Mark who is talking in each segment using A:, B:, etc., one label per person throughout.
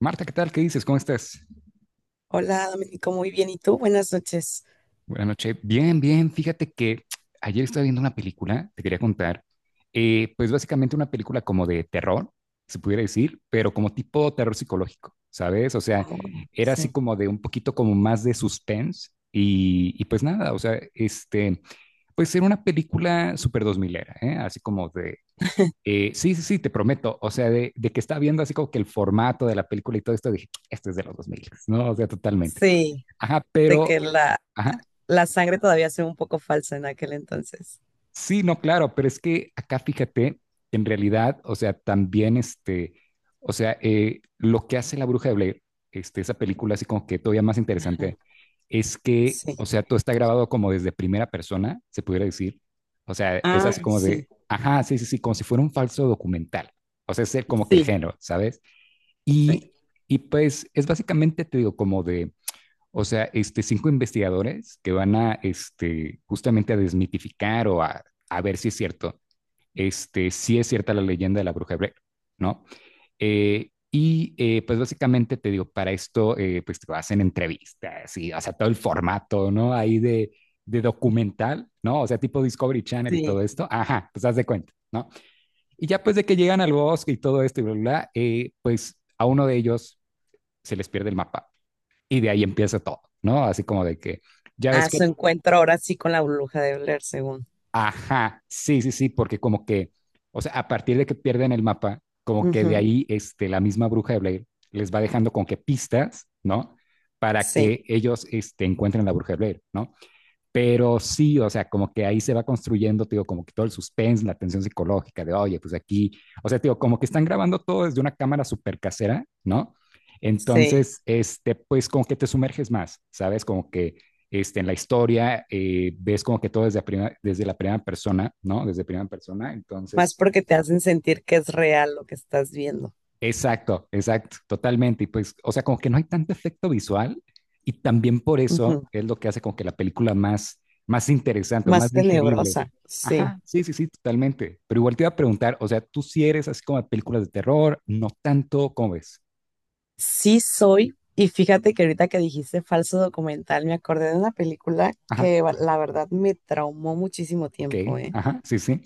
A: Marta, ¿qué tal? ¿Qué dices? ¿Cómo estás?
B: Hola, Domenico, muy bien. ¿Y tú? Buenas noches.
A: Buenas noches. Bien, bien. Fíjate que ayer estaba viendo una película, te quería contar. Pues básicamente una película como de terror, se pudiera decir, pero como tipo terror psicológico, ¿sabes? O sea,
B: Oh,
A: era así
B: sí.
A: como de un poquito como más de suspense y pues nada, o sea, pues era una película súper dos milera, ¿eh? Así como de. Sí, sí, sí, te prometo. O sea, de que estaba viendo así como que el formato de la película y todo esto, dije, este es de los 2000, ¿no? O sea, totalmente.
B: Sí,
A: Ajá,
B: de
A: pero,
B: que la,
A: ajá,
B: la sangre todavía se ve un poco falsa en aquel entonces.
A: sí, no, claro, pero es que acá fíjate, en realidad, o sea, también o sea, lo que hace La Bruja de Blair, esa película así como que todavía más
B: Ajá,
A: interesante, es que,
B: sí.
A: o sea, todo está grabado como desde primera persona, se pudiera decir. O sea, es
B: Ah,
A: así como
B: sí.
A: de, ajá, sí, sí, sí, como si fuera un falso documental. O sea, como que el
B: Sí,
A: género, ¿sabes?
B: sí.
A: Y, y pues es básicamente, te digo, como de, o sea, cinco investigadores que van a, justamente a desmitificar o a ver si es cierto, si es cierta la leyenda de la bruja hebrea, ¿no? Y pues básicamente te digo, para esto, pues te hacen entrevistas y, o sea, todo el formato, ¿no? Ahí de documental, ¿no? O sea, tipo Discovery Channel y todo
B: Sí,
A: esto. Ajá, pues haz de cuenta, ¿no? Y ya pues de que llegan al bosque y todo esto y bla, bla, bla, pues a uno de ellos se les pierde el mapa. Y de ahí empieza todo, ¿no? Así como de que, ya ves
B: ah,
A: que,
B: su encuentro ahora sí con la bruja de Blair, según.
A: ajá, sí, sí, sí, porque como que, o sea, a partir de que pierden el mapa, como que de
B: Ujú,
A: ahí la misma bruja de Blair les va dejando con que pistas, ¿no? Para
B: sí,
A: que ellos encuentren la bruja de Blair, ¿no? Pero sí, o sea, como que ahí se va construyendo, te digo, como que todo el suspense, la tensión psicológica de, oye, pues aquí, o sea, te digo, como que están grabando todo desde una cámara súper casera, ¿no?
B: sí.
A: Entonces, pues como que te sumerges más, ¿sabes? Como que en la historia, ves como que todo desde, desde la primera persona, ¿no? Desde primera persona, entonces.
B: Más porque te hacen sentir que es real lo que estás viendo.
A: Exacto, exacto, totalmente. Y pues, o sea, como que no hay tanto efecto visual y también por eso
B: Ujú,
A: es lo que hace como que la película más interesante o
B: más
A: más digerible.
B: tenebrosa, sí.
A: Ajá, sí, sí, sí, totalmente. Pero igual te iba a preguntar, o sea, tú si eres así como de películas de terror, no tanto, ¿cómo ves?
B: Sí soy, y fíjate que ahorita que dijiste falso documental, me acordé de una película
A: Ajá,
B: que la verdad me traumó muchísimo
A: ok,
B: tiempo, ¿eh?
A: ajá, sí, sí,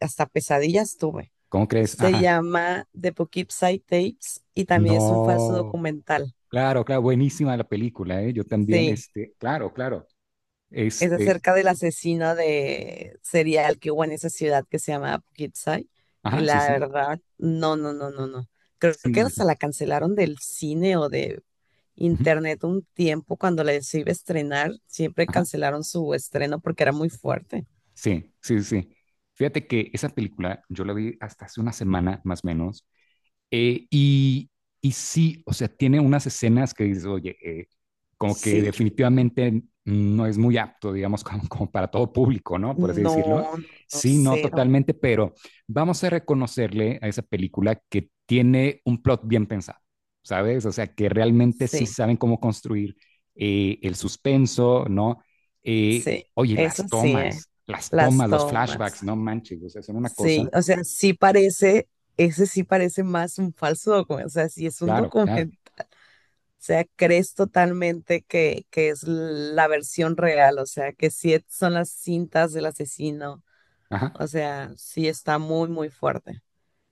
B: Hasta pesadillas tuve.
A: ¿cómo crees?
B: Se
A: Ajá,
B: llama The Poughkeepsie Tapes y también es un falso
A: no,
B: documental.
A: claro, claro, buenísima la película, ¿eh? Yo también,
B: Sí.
A: claro, claro,
B: Es
A: este,
B: acerca del asesino de serial que hubo en esa ciudad que se llama Poughkeepsie. Y
A: ajá, sí,
B: la
A: sí,
B: verdad, no, no, no, no, no. Creo
A: sí,
B: que
A: sí, sí,
B: hasta la cancelaron del cine o de
A: ujú,
B: internet un tiempo cuando la se iba a estrenar. Siempre
A: ajá.
B: cancelaron su estreno porque era muy fuerte.
A: Sí, sí, sí. Fíjate que esa película yo la vi hasta hace una semana más o menos, eh, y, y sí, o sea, tiene unas escenas que dices, oye, como que
B: Sí,
A: definitivamente no es muy apto, digamos, para todo público, ¿no? Por así decirlo.
B: no, no, no,
A: Sí, no
B: cero.
A: totalmente, pero vamos a reconocerle a esa película que tiene un plot bien pensado, ¿sabes? O sea, que realmente sí
B: Sí,
A: saben cómo construir, el suspenso, ¿no?
B: sí,
A: Oye,
B: eso sí, ¿eh?
A: las
B: Las
A: tomas, los
B: tomas.
A: flashbacks, no manches, o sea, son una cosa,
B: Sí, o sea, sí parece, ese sí parece más un falso documento. O sea, sí es un
A: claro, claro.
B: documental. O sea, crees totalmente que es la versión real, o sea, que son las cintas del asesino,
A: Ajá.
B: o sea, sí está muy, muy fuerte.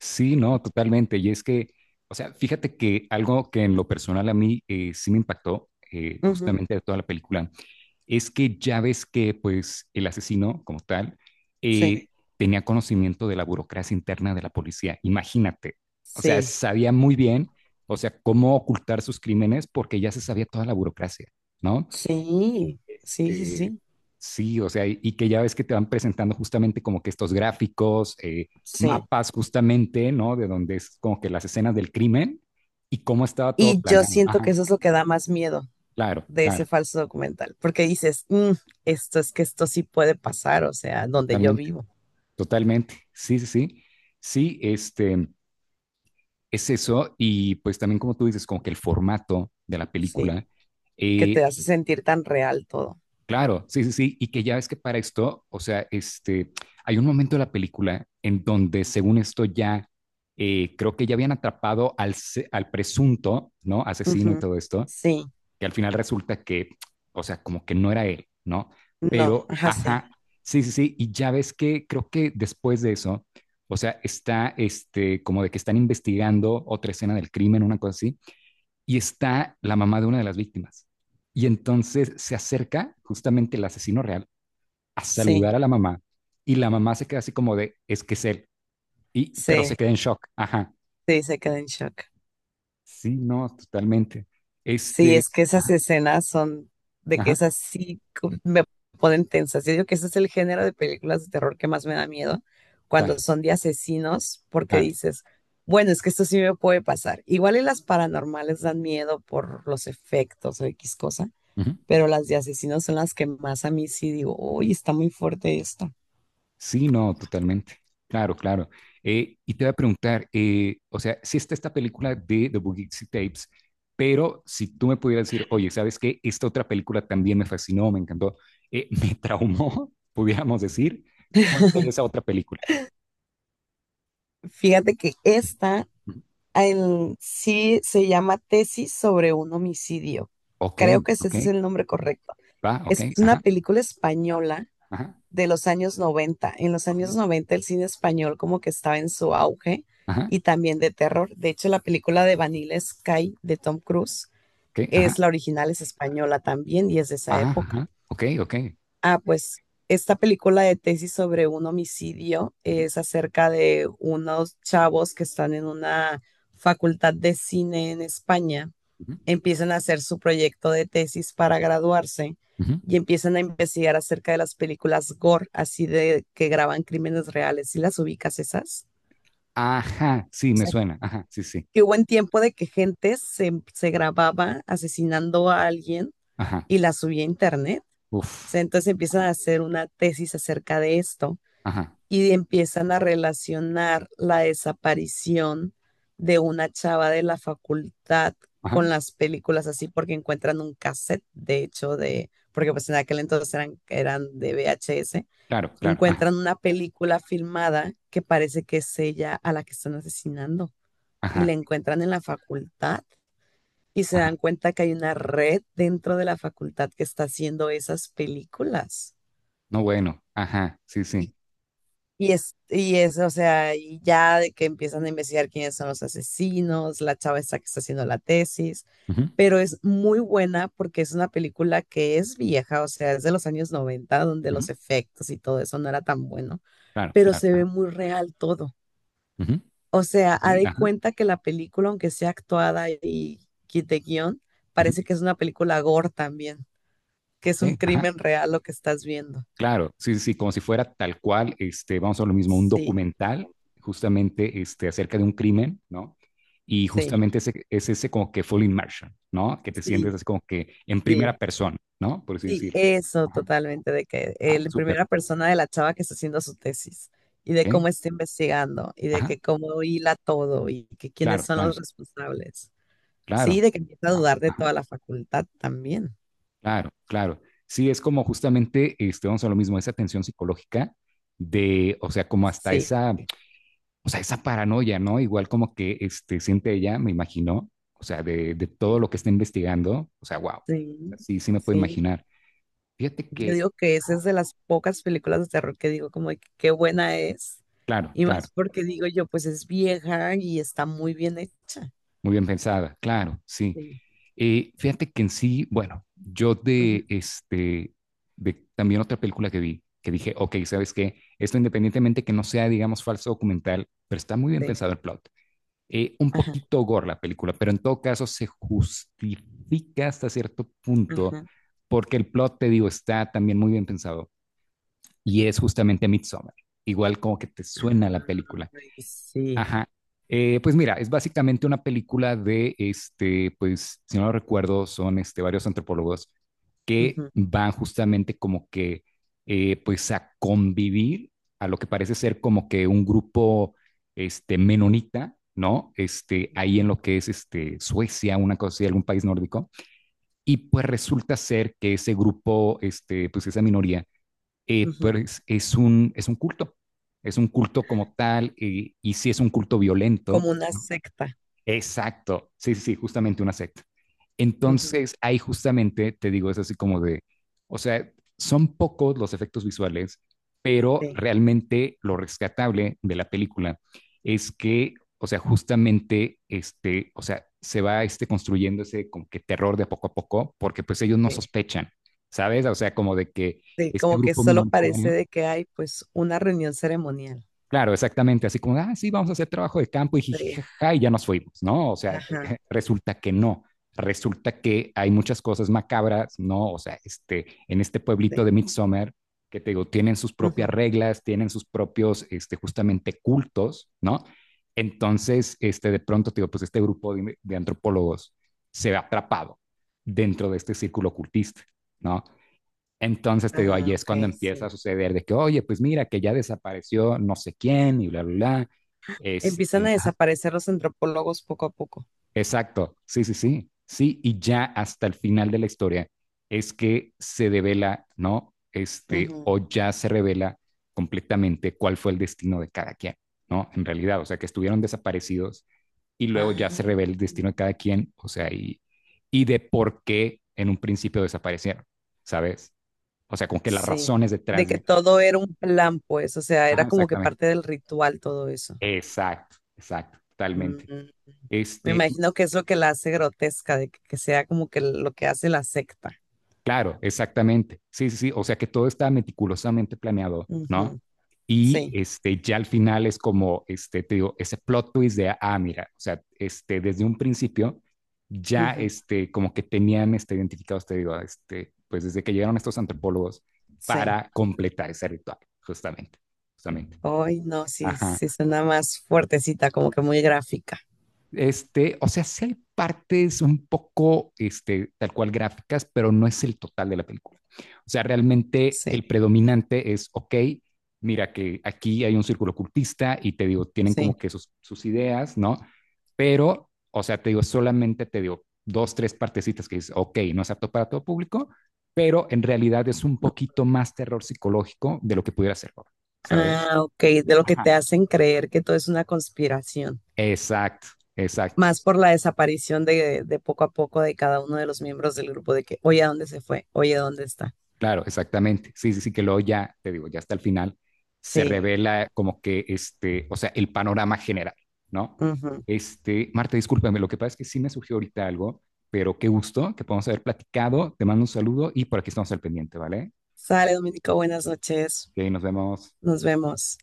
A: Sí, no, totalmente. Y es que, o sea, fíjate que algo que en lo personal a mí, sí me impactó,
B: Ujú,
A: justamente de toda la película es que ya ves que pues el asesino como tal,
B: sí,
A: eh, tenía conocimiento de la burocracia interna de la policía. Imagínate, o sea,
B: sí,
A: sabía muy bien, o sea, cómo ocultar sus crímenes porque ya se sabía toda la burocracia, ¿no?
B: sí, sí, sí,
A: Eh,
B: sí,
A: sí, o sea, y que ya ves que te van presentando justamente como que estos gráficos,
B: sí.
A: mapas justamente, ¿no? De donde es como que las escenas del crimen y cómo estaba todo
B: Y yo
A: planeado.
B: siento
A: Ajá,
B: que eso es lo que da más miedo
A: claro,
B: de
A: claro,
B: ese falso documental, porque dices, "Mm, esto es que esto sí puede pasar, o sea, donde yo
A: totalmente,
B: vivo,
A: totalmente. Sí, sí, sí. Sí, es eso. Y pues también como tú dices, como que el formato de la
B: sí,
A: película,
B: que te
A: eh,
B: hace sentir tan real todo.
A: claro, sí, sí, sí. Y que ya ves que para esto, o sea, hay un momento de la película en donde, según esto, ya, creo que ya habían atrapado al presunto, ¿no? Asesino y
B: Ujú,
A: todo esto,
B: sí,
A: que al final resulta que, o sea, como que no era él, ¿no?
B: no,
A: Pero,
B: ajá, sí,
A: ajá, sí, sí, sí. Y ya ves que creo que después de eso, o sea, está, como de que están investigando otra escena del crimen, una cosa así, y está la mamá de una de las víctimas. Y entonces se acerca justamente el asesino real a
B: sí.
A: saludar a la mamá y la mamá se queda así como de, es que es él, pero
B: Sí,
A: se queda en shock. Ajá,
B: sí, se queda en shock.
A: sí, no, totalmente.
B: Sí,
A: Este,
B: es que esas
A: ajá,
B: escenas son de que
A: ajá,
B: esas sí me ponen tensas. Yo digo que ese es el género de películas de terror que más me da miedo cuando
A: claro,
B: son de asesinos, porque
A: claro.
B: dices, bueno, es que esto sí me puede pasar. Igual y las paranormales dan miedo por los efectos o X cosa,
A: Ujú.
B: pero las de asesinos son las que más a mí sí digo, uy, está muy fuerte esto.
A: Sí, no, totalmente. Claro, claro. Y te voy a preguntar, o sea, si está esta película de The Bugixi Tapes, pero si tú me pudieras decir, oye, ¿sabes qué? Esta otra película también me fascinó, me encantó, me traumó, pudiéramos decir, ¿cuál sería esa otra película?
B: Fíjate que esta
A: Ujú.
B: sí se llama Tesis sobre un homicidio.
A: Ok,
B: Creo que ese es
A: ok,
B: el nombre correcto.
A: va, ok,
B: Es una
A: ajá,
B: película española
A: ajá,
B: de los años 90. En los
A: ok,
B: años 90 el cine español como que estaba en su auge
A: ajá,
B: y también de terror. De hecho, la película de Vanilla Sky de Tom Cruise
A: ok, ajá,
B: es la original, es española también y es de esa
A: ajá,
B: época.
A: ajá, ok, ok.
B: Ah, pues esta película de tesis sobre un homicidio
A: Ujú,
B: es acerca de unos chavos que están en una facultad de cine en España,
A: ujú,
B: empiezan a hacer su proyecto de tesis para graduarse
A: ujú.
B: y empiezan a investigar acerca de las películas gore, así de que graban crímenes reales. ¿Y las ubicas esas?
A: Ajá, sí,
B: O
A: me
B: sea,
A: suena, ajá, sí, sí,
B: que hubo un tiempo de que gente se grababa asesinando a alguien
A: ajá,
B: y la subía a internet. O
A: uf,
B: sea, entonces empiezan
A: ajá,
B: a hacer una tesis acerca de esto
A: ajá,
B: y empiezan a relacionar la desaparición de una chava de la facultad
A: ajá,
B: con las películas así porque encuentran un cassette, de hecho, de, porque pues en aquel entonces eran de VHS,
A: claro, claro, ajá,
B: encuentran una película filmada que parece que es ella a la que están asesinando y
A: ajá,
B: la encuentran en la facultad y se
A: ajá.
B: dan cuenta que hay una red dentro de la facultad que está haciendo esas películas.
A: No, bueno, ajá, sí,
B: y
A: sí.
B: Y es, y es, o sea, y ya de que empiezan a investigar quiénes son los asesinos, la chava esta que está haciendo la tesis,
A: Ujú,
B: pero es muy buena porque es una película que es vieja, o sea, es de los años 90 donde
A: ujú,
B: los efectos y todo eso no era tan bueno,
A: claro,
B: pero
A: claro,
B: se ve
A: ajá.
B: muy real todo.
A: Ujú,
B: O sea,
A: ok,
B: ha de
A: ajá,
B: cuenta que la película, aunque sea actuada y de guión,
A: ujú,
B: parece que es una película gore también, que es un
A: ok, ajá,
B: crimen real lo que estás viendo.
A: claro, sí, sí, sí, como si fuera tal cual, vamos a lo mismo, un
B: Sí,
A: documental justamente,
B: sí,
A: acerca de un crimen, ¿no? Y justamente es ese como que full immersion, ¿no? Que te sientes
B: sí,
A: así como que en primera
B: sí.
A: persona, ¿no? Por así
B: Sí,
A: decirlo.
B: eso
A: Ajá,
B: totalmente, de que
A: ah,
B: el
A: súper,
B: primera persona de la chava que está haciendo su tesis y de
A: ok,
B: cómo está investigando y de
A: ajá,
B: que cómo hila todo y que quiénes
A: claro,
B: son
A: claro,
B: los responsables.
A: claro.
B: Sí, de que empieza a
A: Ah,
B: dudar de
A: ajá.
B: toda la facultad también.
A: Claro, claro. Sí, es como justamente, vamos a lo mismo, esa tensión psicológica de, o sea, como hasta
B: Sí,
A: esa, o sea, esa paranoia, ¿no? Igual como que siente ella, me imagino, o sea, de todo
B: sí,
A: lo que está investigando, o sea, wow,
B: sí.
A: sí, sí me puedo
B: Sí.
A: imaginar. Fíjate
B: Yo
A: que,
B: digo que esa es
A: ah,
B: de las pocas películas de terror que digo como de que qué buena es
A: claro,
B: y
A: claro.
B: más porque digo yo, pues es vieja y está muy bien hecha.
A: Muy bien pensada, claro, sí.
B: Sí,
A: Fíjate que en sí, bueno, yo
B: ujú,
A: de también otra película que vi, que dije, ok, ¿sabes qué? Esto independientemente que no sea, digamos, falso documental, pero está muy bien
B: sí,
A: pensado el plot. Un
B: ajá,
A: poquito gore la película, pero en todo caso se justifica hasta cierto punto
B: ajá.
A: porque el plot, te digo, está también muy bien pensado y es justamente Midsommar. Igual como que te suena la película.
B: Ay, sí.
A: Ajá. Pues mira, es básicamente una película de, pues, si no lo recuerdo, son varios antropólogos que
B: Ujú,
A: van justamente como que, pues, a convivir a lo que parece ser como que un grupo, menonita, ¿no? Ahí en
B: ujú,
A: lo que es, Suecia, una cosa así, algún país nórdico. Y pues resulta ser que ese grupo, pues, esa minoría,
B: ujú.
A: pues es un culto, es un culto como tal, y si es un culto violento,
B: Como una secta.
A: exacto, sí, sí, sí, justamente una secta.
B: Ujú,
A: Entonces, ahí justamente te digo, es así como de, o sea, son pocos los efectos visuales, pero
B: sí,
A: realmente lo rescatable de la película es que, o sea, justamente, o sea, se va construyendo ese como que terror de poco a poco, porque pues ellos no
B: sí,
A: sospechan, ¿sabes? O sea, como de que
B: sí,
A: este
B: como que
A: grupo
B: solo parece
A: minoritario.
B: de que hay pues una reunión ceremonial.
A: Claro, exactamente, así como, ah, sí, vamos a hacer trabajo de campo y
B: Sí,
A: jijijaja, y ya nos fuimos, ¿no? O sea,
B: ajá,
A: resulta que no, resulta que hay muchas cosas macabras, ¿no? O sea, en este pueblito
B: sí,
A: de Midsommar, que te digo, tienen sus propias
B: ujú.
A: reglas, tienen sus propios, justamente cultos, ¿no? Entonces, de pronto, te digo, pues este grupo de antropólogos se ve atrapado dentro de este círculo cultista, ¿no? Entonces te digo, ahí
B: Ah,
A: es
B: ok,
A: cuando empieza a
B: sí.
A: suceder de que, oye, pues mira, que ya desapareció no sé quién y bla, bla, bla.
B: Empiezan a
A: Ajá,
B: desaparecer los antropólogos poco a poco.
A: exacto, sí, sí, sí, sí, y ya hasta el final de la historia es que se devela, ¿no?
B: Ujú.
A: O ya se revela completamente cuál fue el destino de cada quien, ¿no? En realidad, o sea, que estuvieron desaparecidos y luego ya se
B: Ah,
A: revela el destino de cada quien, o sea, y de por qué en un principio desaparecieron, ¿sabes? O sea, como que las
B: sí.
A: razones
B: De
A: detrás
B: que
A: de.
B: todo era un plan, pues, o sea,
A: Ajá,
B: era como que
A: exactamente.
B: parte del ritual todo eso.
A: Exacto, exacto,
B: Mm,
A: totalmente.
B: me
A: Este,
B: imagino que es lo que la hace grotesca, de que sea como que lo que hace la secta.
A: claro, exactamente. Sí, sí, sí. O sea que todo está meticulosamente planeado, ¿no?
B: Ujú,
A: Y
B: sí.
A: ya al final es como, te digo, ese plot twist de, ah, mira, o sea, desde un principio ya, como que tenían, identificados, te digo, pues desde que llegaron estos antropólogos
B: Sí.
A: para completar ese ritual, justamente, justamente.
B: Hoy no, sí,
A: Ajá.
B: sí suena más fuertecita, como que muy gráfica.
A: O sea, sí hay partes un poco, tal cual gráficas, pero no es el total de la película. O sea, realmente
B: Sí,
A: el predominante es, ok, mira que aquí hay un círculo ocultista y te digo, tienen
B: sí.
A: como que sus ideas, ¿no? Pero, o sea, te digo, solamente te digo dos, tres partecitas que dices, ok, no es apto para todo público, pero en realidad es un poquito más terror psicológico de lo que pudiera ser, horror, ¿sabes?
B: Ah, ok, de lo que
A: Ajá.
B: te hacen creer que todo es una conspiración.
A: Exacto, exacto.
B: Más por la desaparición de, poco a poco de cada uno de los miembros del grupo, de que, oye, ¿a dónde se fue? Oye, ¿dónde está?
A: Claro, exactamente. Sí, sí, sí, que luego ya, te digo, ya hasta el final se
B: Sí,
A: revela como que o sea, el panorama general, ¿no?
B: ujú.
A: Marta, discúlpame, lo que pasa es que sí me surgió ahorita algo, pero qué gusto que podamos haber platicado. Te mando un saludo y por aquí estamos al pendiente, ¿vale?
B: Sale, Dominico, buenas noches.
A: Que nos vemos.
B: Nos vemos.